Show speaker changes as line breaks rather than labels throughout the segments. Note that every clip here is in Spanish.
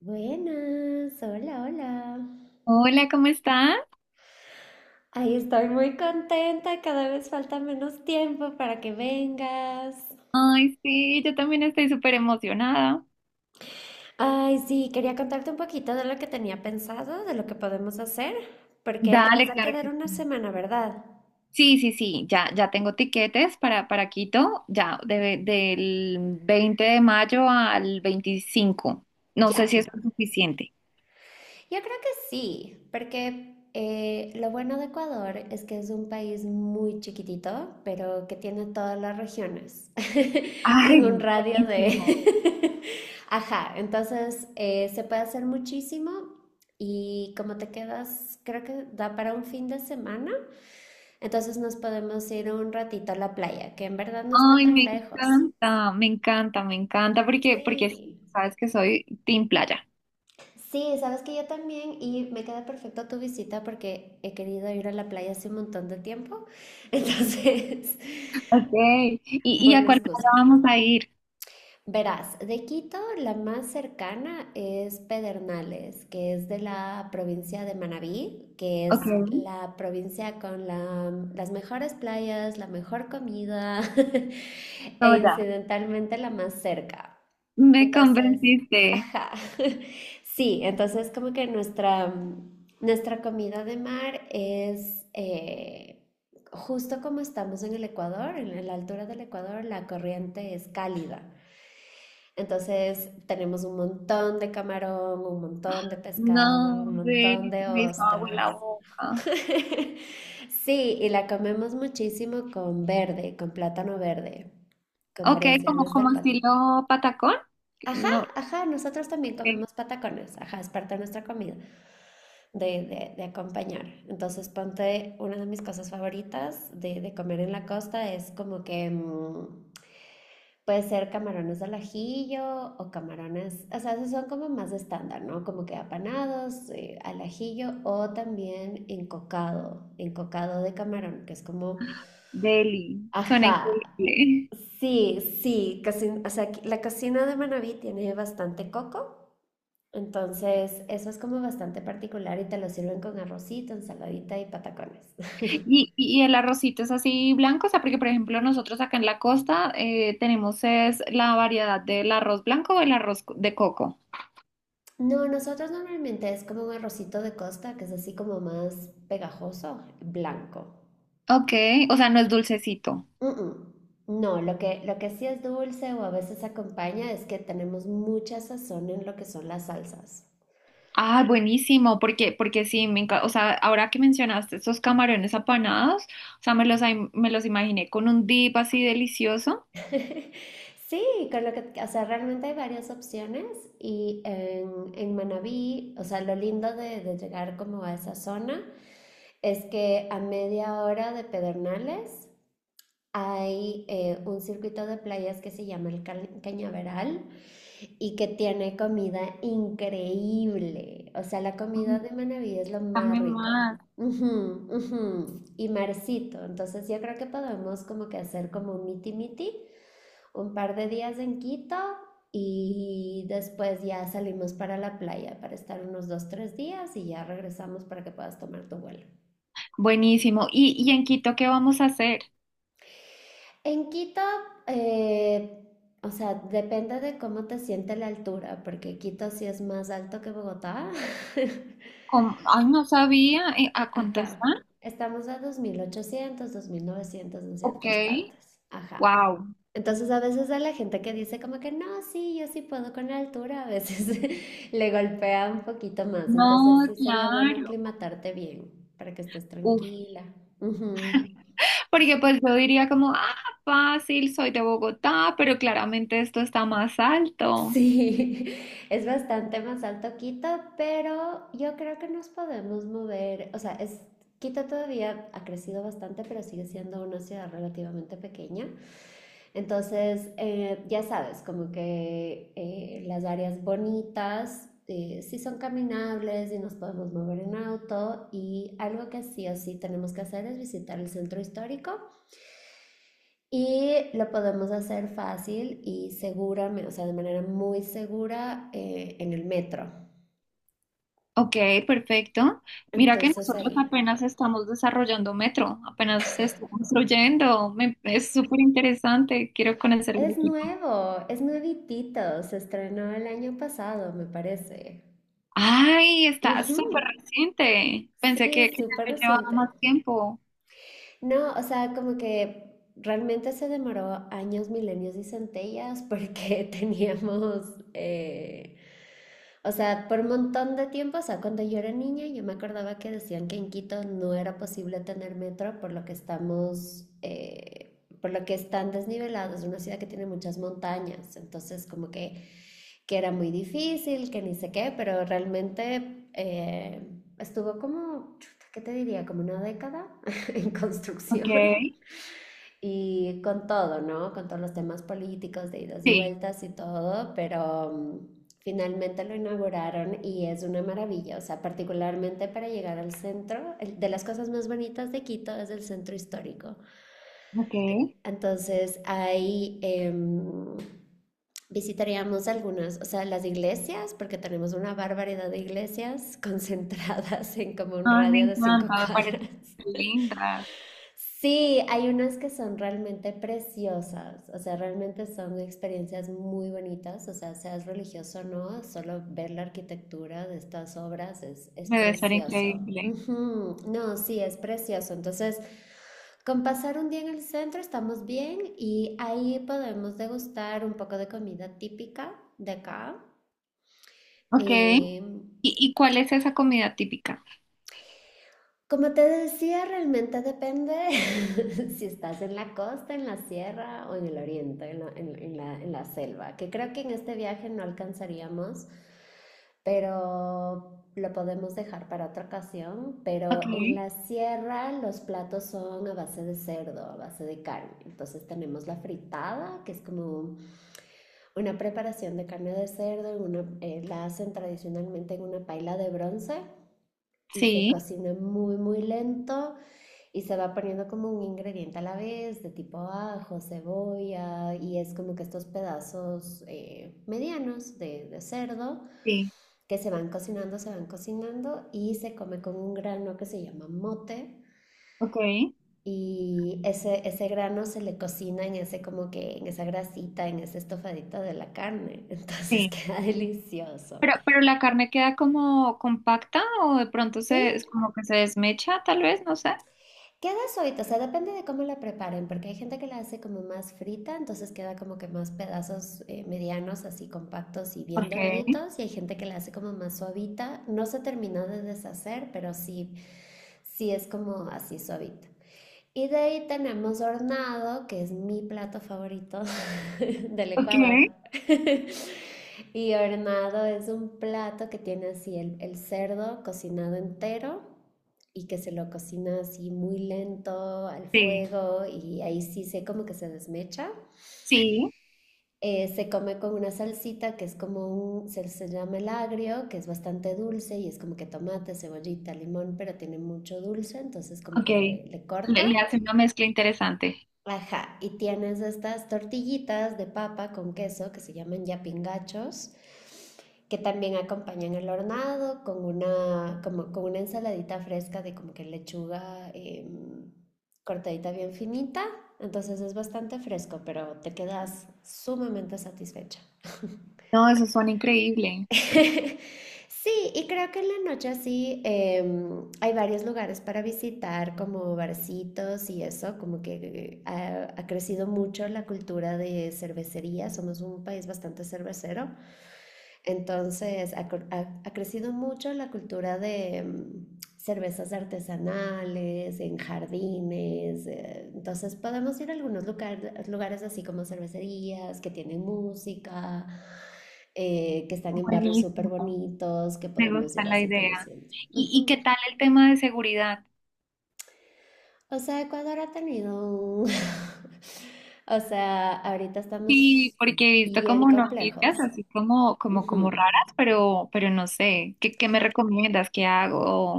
Buenas, hola, hola.
Hola, ¿cómo estás?
Ay, estoy muy contenta, cada vez falta menos tiempo para que vengas.
Ay, sí, yo también estoy súper emocionada.
Ay, sí, quería contarte un poquito de lo que tenía pensado, de lo que podemos hacer, porque te vas
Dale,
a
claro
quedar
que
una
sí.
semana, ¿verdad?
Sí, sí, sí, ya, ya tengo tiquetes para Quito, ya, del 20 de mayo al 25. No sé
Ya.
si eso es suficiente.
Yo creo que sí, porque lo bueno de Ecuador es que es un país muy chiquitito, pero que tiene todas las regiones en un
Ay,
radio
buenísimo.
de. Ajá, entonces se puede hacer muchísimo y como te quedas, creo que da para un fin de semana, entonces nos podemos ir un ratito a la playa, que en verdad no está
Ay,
tan
me
lejos.
encanta, me encanta, me encanta, porque sí,
Sí.
sabes que soy team playa.
Sí, sabes que yo también y me queda perfecto tu visita porque he querido ir a la playa hace un montón de tiempo. Entonces,
Ok, ¿y a
buena
cuál playa
excusa.
vamos a ir?
Verás, de Quito la más cercana es Pedernales, que es de la provincia de Manabí, que
Ok,
es
no,
la provincia con las mejores playas, la mejor comida e
ya.
incidentalmente la más cerca.
Me
Entonces,
convenciste.
ajá. Sí, entonces como que nuestra comida de mar es justo como estamos en el Ecuador, en la altura del Ecuador, la corriente es cálida. Entonces tenemos un montón de camarón, un montón de pescado,
No,
un montón
Deli,
de
me hizo agua en la
ostras.
boca.
Sí, y la comemos muchísimo con verde, con plátano verde, con
Ok, como,
variaciones del
como
plátano.
estilo patacón.
Ajá,
No,
ajá, nosotros también
ok,
comemos patacones, ajá, es parte de nuestra comida, de acompañar. Entonces, ponte una de mis cosas favoritas de comer en la costa es como que puede ser camarones al ajillo o camarones, o sea, esos son como más estándar, ¿no? Como que apanados, al ajillo o también encocado, encocado de camarón, que es como,
Deli, suena
ajá,
increíble.
sí, sí, casi, o sea, la cocina de Manaví tiene bastante coco. Entonces, eso es como bastante particular y te lo sirven con arrocito, ensaladita y patacones.
Y el arrocito es así blanco, o sea, porque por ejemplo nosotros acá en la costa tenemos es la variedad del arroz blanco o el arroz de coco.
No, nosotros normalmente es como un arrocito de costa, que es así como más pegajoso, blanco.
Ok, o sea, no es dulcecito.
Mm, mm. No, lo que sí es dulce o a veces acompaña es que tenemos mucha sazón en lo que son las salsas.
Ah, buenísimo, porque sí, me encanta, o sea, ahora que mencionaste esos camarones apanados, o sea, me los imaginé con un dip así delicioso.
Sí, con lo que, o sea, realmente hay varias opciones y en Manabí, o sea, lo lindo de llegar como a esa zona es que a media hora de Pedernales hay un circuito de playas que se llama el Cañaveral y que tiene comida increíble. O sea, la comida de Manaví es lo más
Dame
rico.
más.
Ujú, ujú. Y Marcito, entonces yo creo que podemos como que hacer como un miti miti, un par de días en Quito y después ya salimos para la playa para estar unos 2, 3 días y ya regresamos para que puedas tomar tu vuelo.
Buenísimo. ¿Y en Quito qué vamos a hacer?
En Quito, eh, o sea, depende de cómo te siente la altura, porque Quito sí es más alto que Bogotá.
¿Cómo? Ay, no sabía. ¿A cuánto
Ajá.
están?
Estamos a dos mil ochocientos, 2.900 en
Ok.
ciertas partes. Ajá.
Wow.
Entonces a veces a la gente que dice como que no, sí, yo sí puedo con la altura, a veces le golpea un poquito más. Entonces
No,
sí sería bueno
claro.
aclimatarte bien para que estés
Uf,
tranquila. Ujú.
porque pues yo diría como, ah, fácil, soy de Bogotá, pero claramente esto está más alto.
Sí, es bastante más alto Quito, pero yo creo que nos podemos mover. O sea, Quito todavía ha crecido bastante, pero sigue siendo una ciudad relativamente pequeña. Entonces, ya sabes, como que las áreas bonitas sí son caminables y nos podemos mover en auto. Y algo que sí o sí tenemos que hacer es visitar el centro histórico y lo podemos hacer fácil y seguramente, o sea, de manera muy segura en el metro.
Ok, perfecto. Mira que
Entonces
nosotros
ahí,
apenas
ajá.
estamos desarrollando metro, apenas se está construyendo. Es súper interesante, quiero conocer el de
Es
Quito.
nuevo, es nuevitito, se estrenó el año pasado, me parece.
Ay, está
Ujú,
súper reciente. Pensé que,
sí,
que ya
súper
había llevado más
reciente.
tiempo.
No, o sea, como que realmente se demoró años, milenios y centellas porque teníamos eh, o sea, por un montón de tiempo, o sea, cuando yo era niña, yo me acordaba que decían que en Quito no era posible tener metro por lo que es tan desnivelado, es una ciudad que tiene muchas montañas, entonces como que era muy difícil, que ni sé qué, pero realmente estuvo como, chuta, ¿qué te diría? Como una década en
Ok,
construcción y con todo, ¿no? Con todos los temas políticos de idas y
sí,
vueltas y todo, pero finalmente lo inauguraron y es una maravilla. O sea, particularmente para llegar al centro, de las cosas más bonitas de Quito es el centro histórico.
ok.
Entonces, ahí visitaríamos algunas, o sea, las iglesias, porque tenemos una barbaridad de iglesias concentradas en como un
Ay, me
radio de cinco
encanta, me parece
cuadras.
súper linda.
Sí, hay unas que son realmente preciosas, o sea, realmente son experiencias muy bonitas, o sea, seas religioso o no, solo ver la arquitectura de estas obras es
Debe ser
precioso.
increíble.
Ujú, no, sí, es precioso. Entonces, con pasar un día en el centro estamos bien y ahí podemos degustar un poco de comida típica de acá.
Ok. ¿Y,
em,
y cuál es esa comida típica?
Como te decía, realmente depende si estás en la costa, en la sierra o en el oriente, en la selva, que creo que en este viaje no alcanzaríamos, pero lo podemos dejar para otra ocasión. Pero
Ok,
en la sierra los platos son a base de cerdo, a base de carne. Entonces tenemos la fritada, que es como una preparación de carne de cerdo, la hacen tradicionalmente en una paila de bronce y se
sí,
cocina muy, muy lento. Y se va poniendo como un ingrediente a la vez, de tipo ajo, cebolla, y es como que estos pedazos medianos de cerdo
sí,
que se van cocinando y se come con un grano que se llama mote.
ok,
Y ese grano se le cocina en ese como que, en esa grasita, en ese estofadito de la carne. Entonces
sí.
queda delicioso.
Pero la carne queda como compacta o de pronto
Sí,
se, es como que se desmecha, tal vez, no sé.
queda suavita, o sea, depende de cómo la preparen, porque hay gente que la hace como más frita, entonces queda como que más pedazos medianos, así compactos y bien
Ok,
doraditos, y hay gente que la hace como más suavita. No se terminó de deshacer, pero sí, sí es como así suavita. Y de ahí tenemos hornado, que es mi plato favorito del
ok,
Ecuador. Y hornado es un plato que tiene así el cerdo cocinado entero y que se lo cocina así muy lento al
sí,
fuego y ahí sí se como que se desmecha.
sí,
Se come con una salsita que es como se llama el agrio, que es bastante dulce y es como que tomate, cebollita, limón, pero tiene mucho dulce, entonces como
ok.
que le
Le,
corta.
le hace una mezcla interesante.
Ajá, y tienes estas tortillitas de papa con queso que se llaman yapingachos, que también acompañan el hornado con una ensaladita fresca de como que lechuga cortadita bien finita. Entonces es bastante fresco, pero te quedas sumamente satisfecha.
No, eso suena increíble.
Sí, y creo que en la noche así hay varios lugares para visitar, como barcitos y eso, como que ha crecido mucho la cultura de cervecería, somos un país bastante cervecero, entonces ha crecido mucho la cultura de cervezas artesanales, en jardines, entonces podemos ir a algunos lugares así como cervecerías que tienen música que están en barrios súper
Buenísimo.
bonitos, que
Me
podemos
gusta
ir
la
así
idea.
conociendo.
¿Y qué
Ujú.
tal el tema de seguridad?
O sea, Ecuador ha tenido un- O sea, ahorita
Sí,
estamos
porque he visto
bien
como noticias
complejos.
así como
Ujú.
raras, pero no sé. ¿Qué me recomiendas? ¿Qué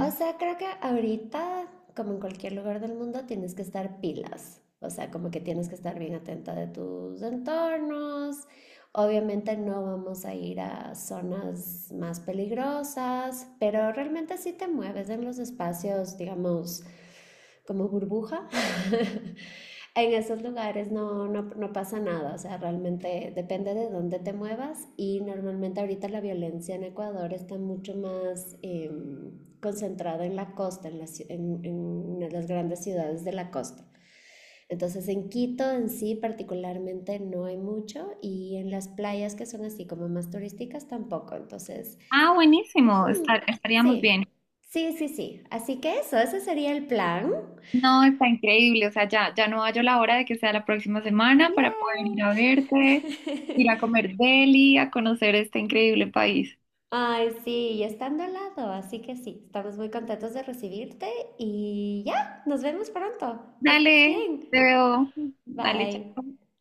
O sea, creo que ahorita, como en cualquier lugar del mundo, tienes que estar pilas. O sea, como que tienes que estar bien atenta de tus entornos. Obviamente no vamos a ir a zonas más peligrosas, pero realmente sí te mueves en los espacios, digamos, como burbuja. En esos lugares no, no, no pasa nada, o sea, realmente depende de dónde te muevas y normalmente ahorita la violencia en Ecuador está mucho más concentrada en la costa, en las grandes ciudades de la costa. Entonces en Quito en sí particularmente no hay mucho y en las playas que son así como más turísticas tampoco, entonces
Ah, buenísimo.
mm,
Estaríamos
sí,
bien.
sí, sí, sí. Así que ese sería el plan.
No, está increíble. O sea, ya no hallo la hora de que sea la próxima semana para poder
¡Yay!
ir a verte, ir a comer deli, a conocer este increíble país.
Ay, sí, y estando al lado, así que sí, estamos muy contentos de recibirte y ya, nos vemos pronto. Que estés
Dale, te
bien.
veo. Dale,
Bye.
chao.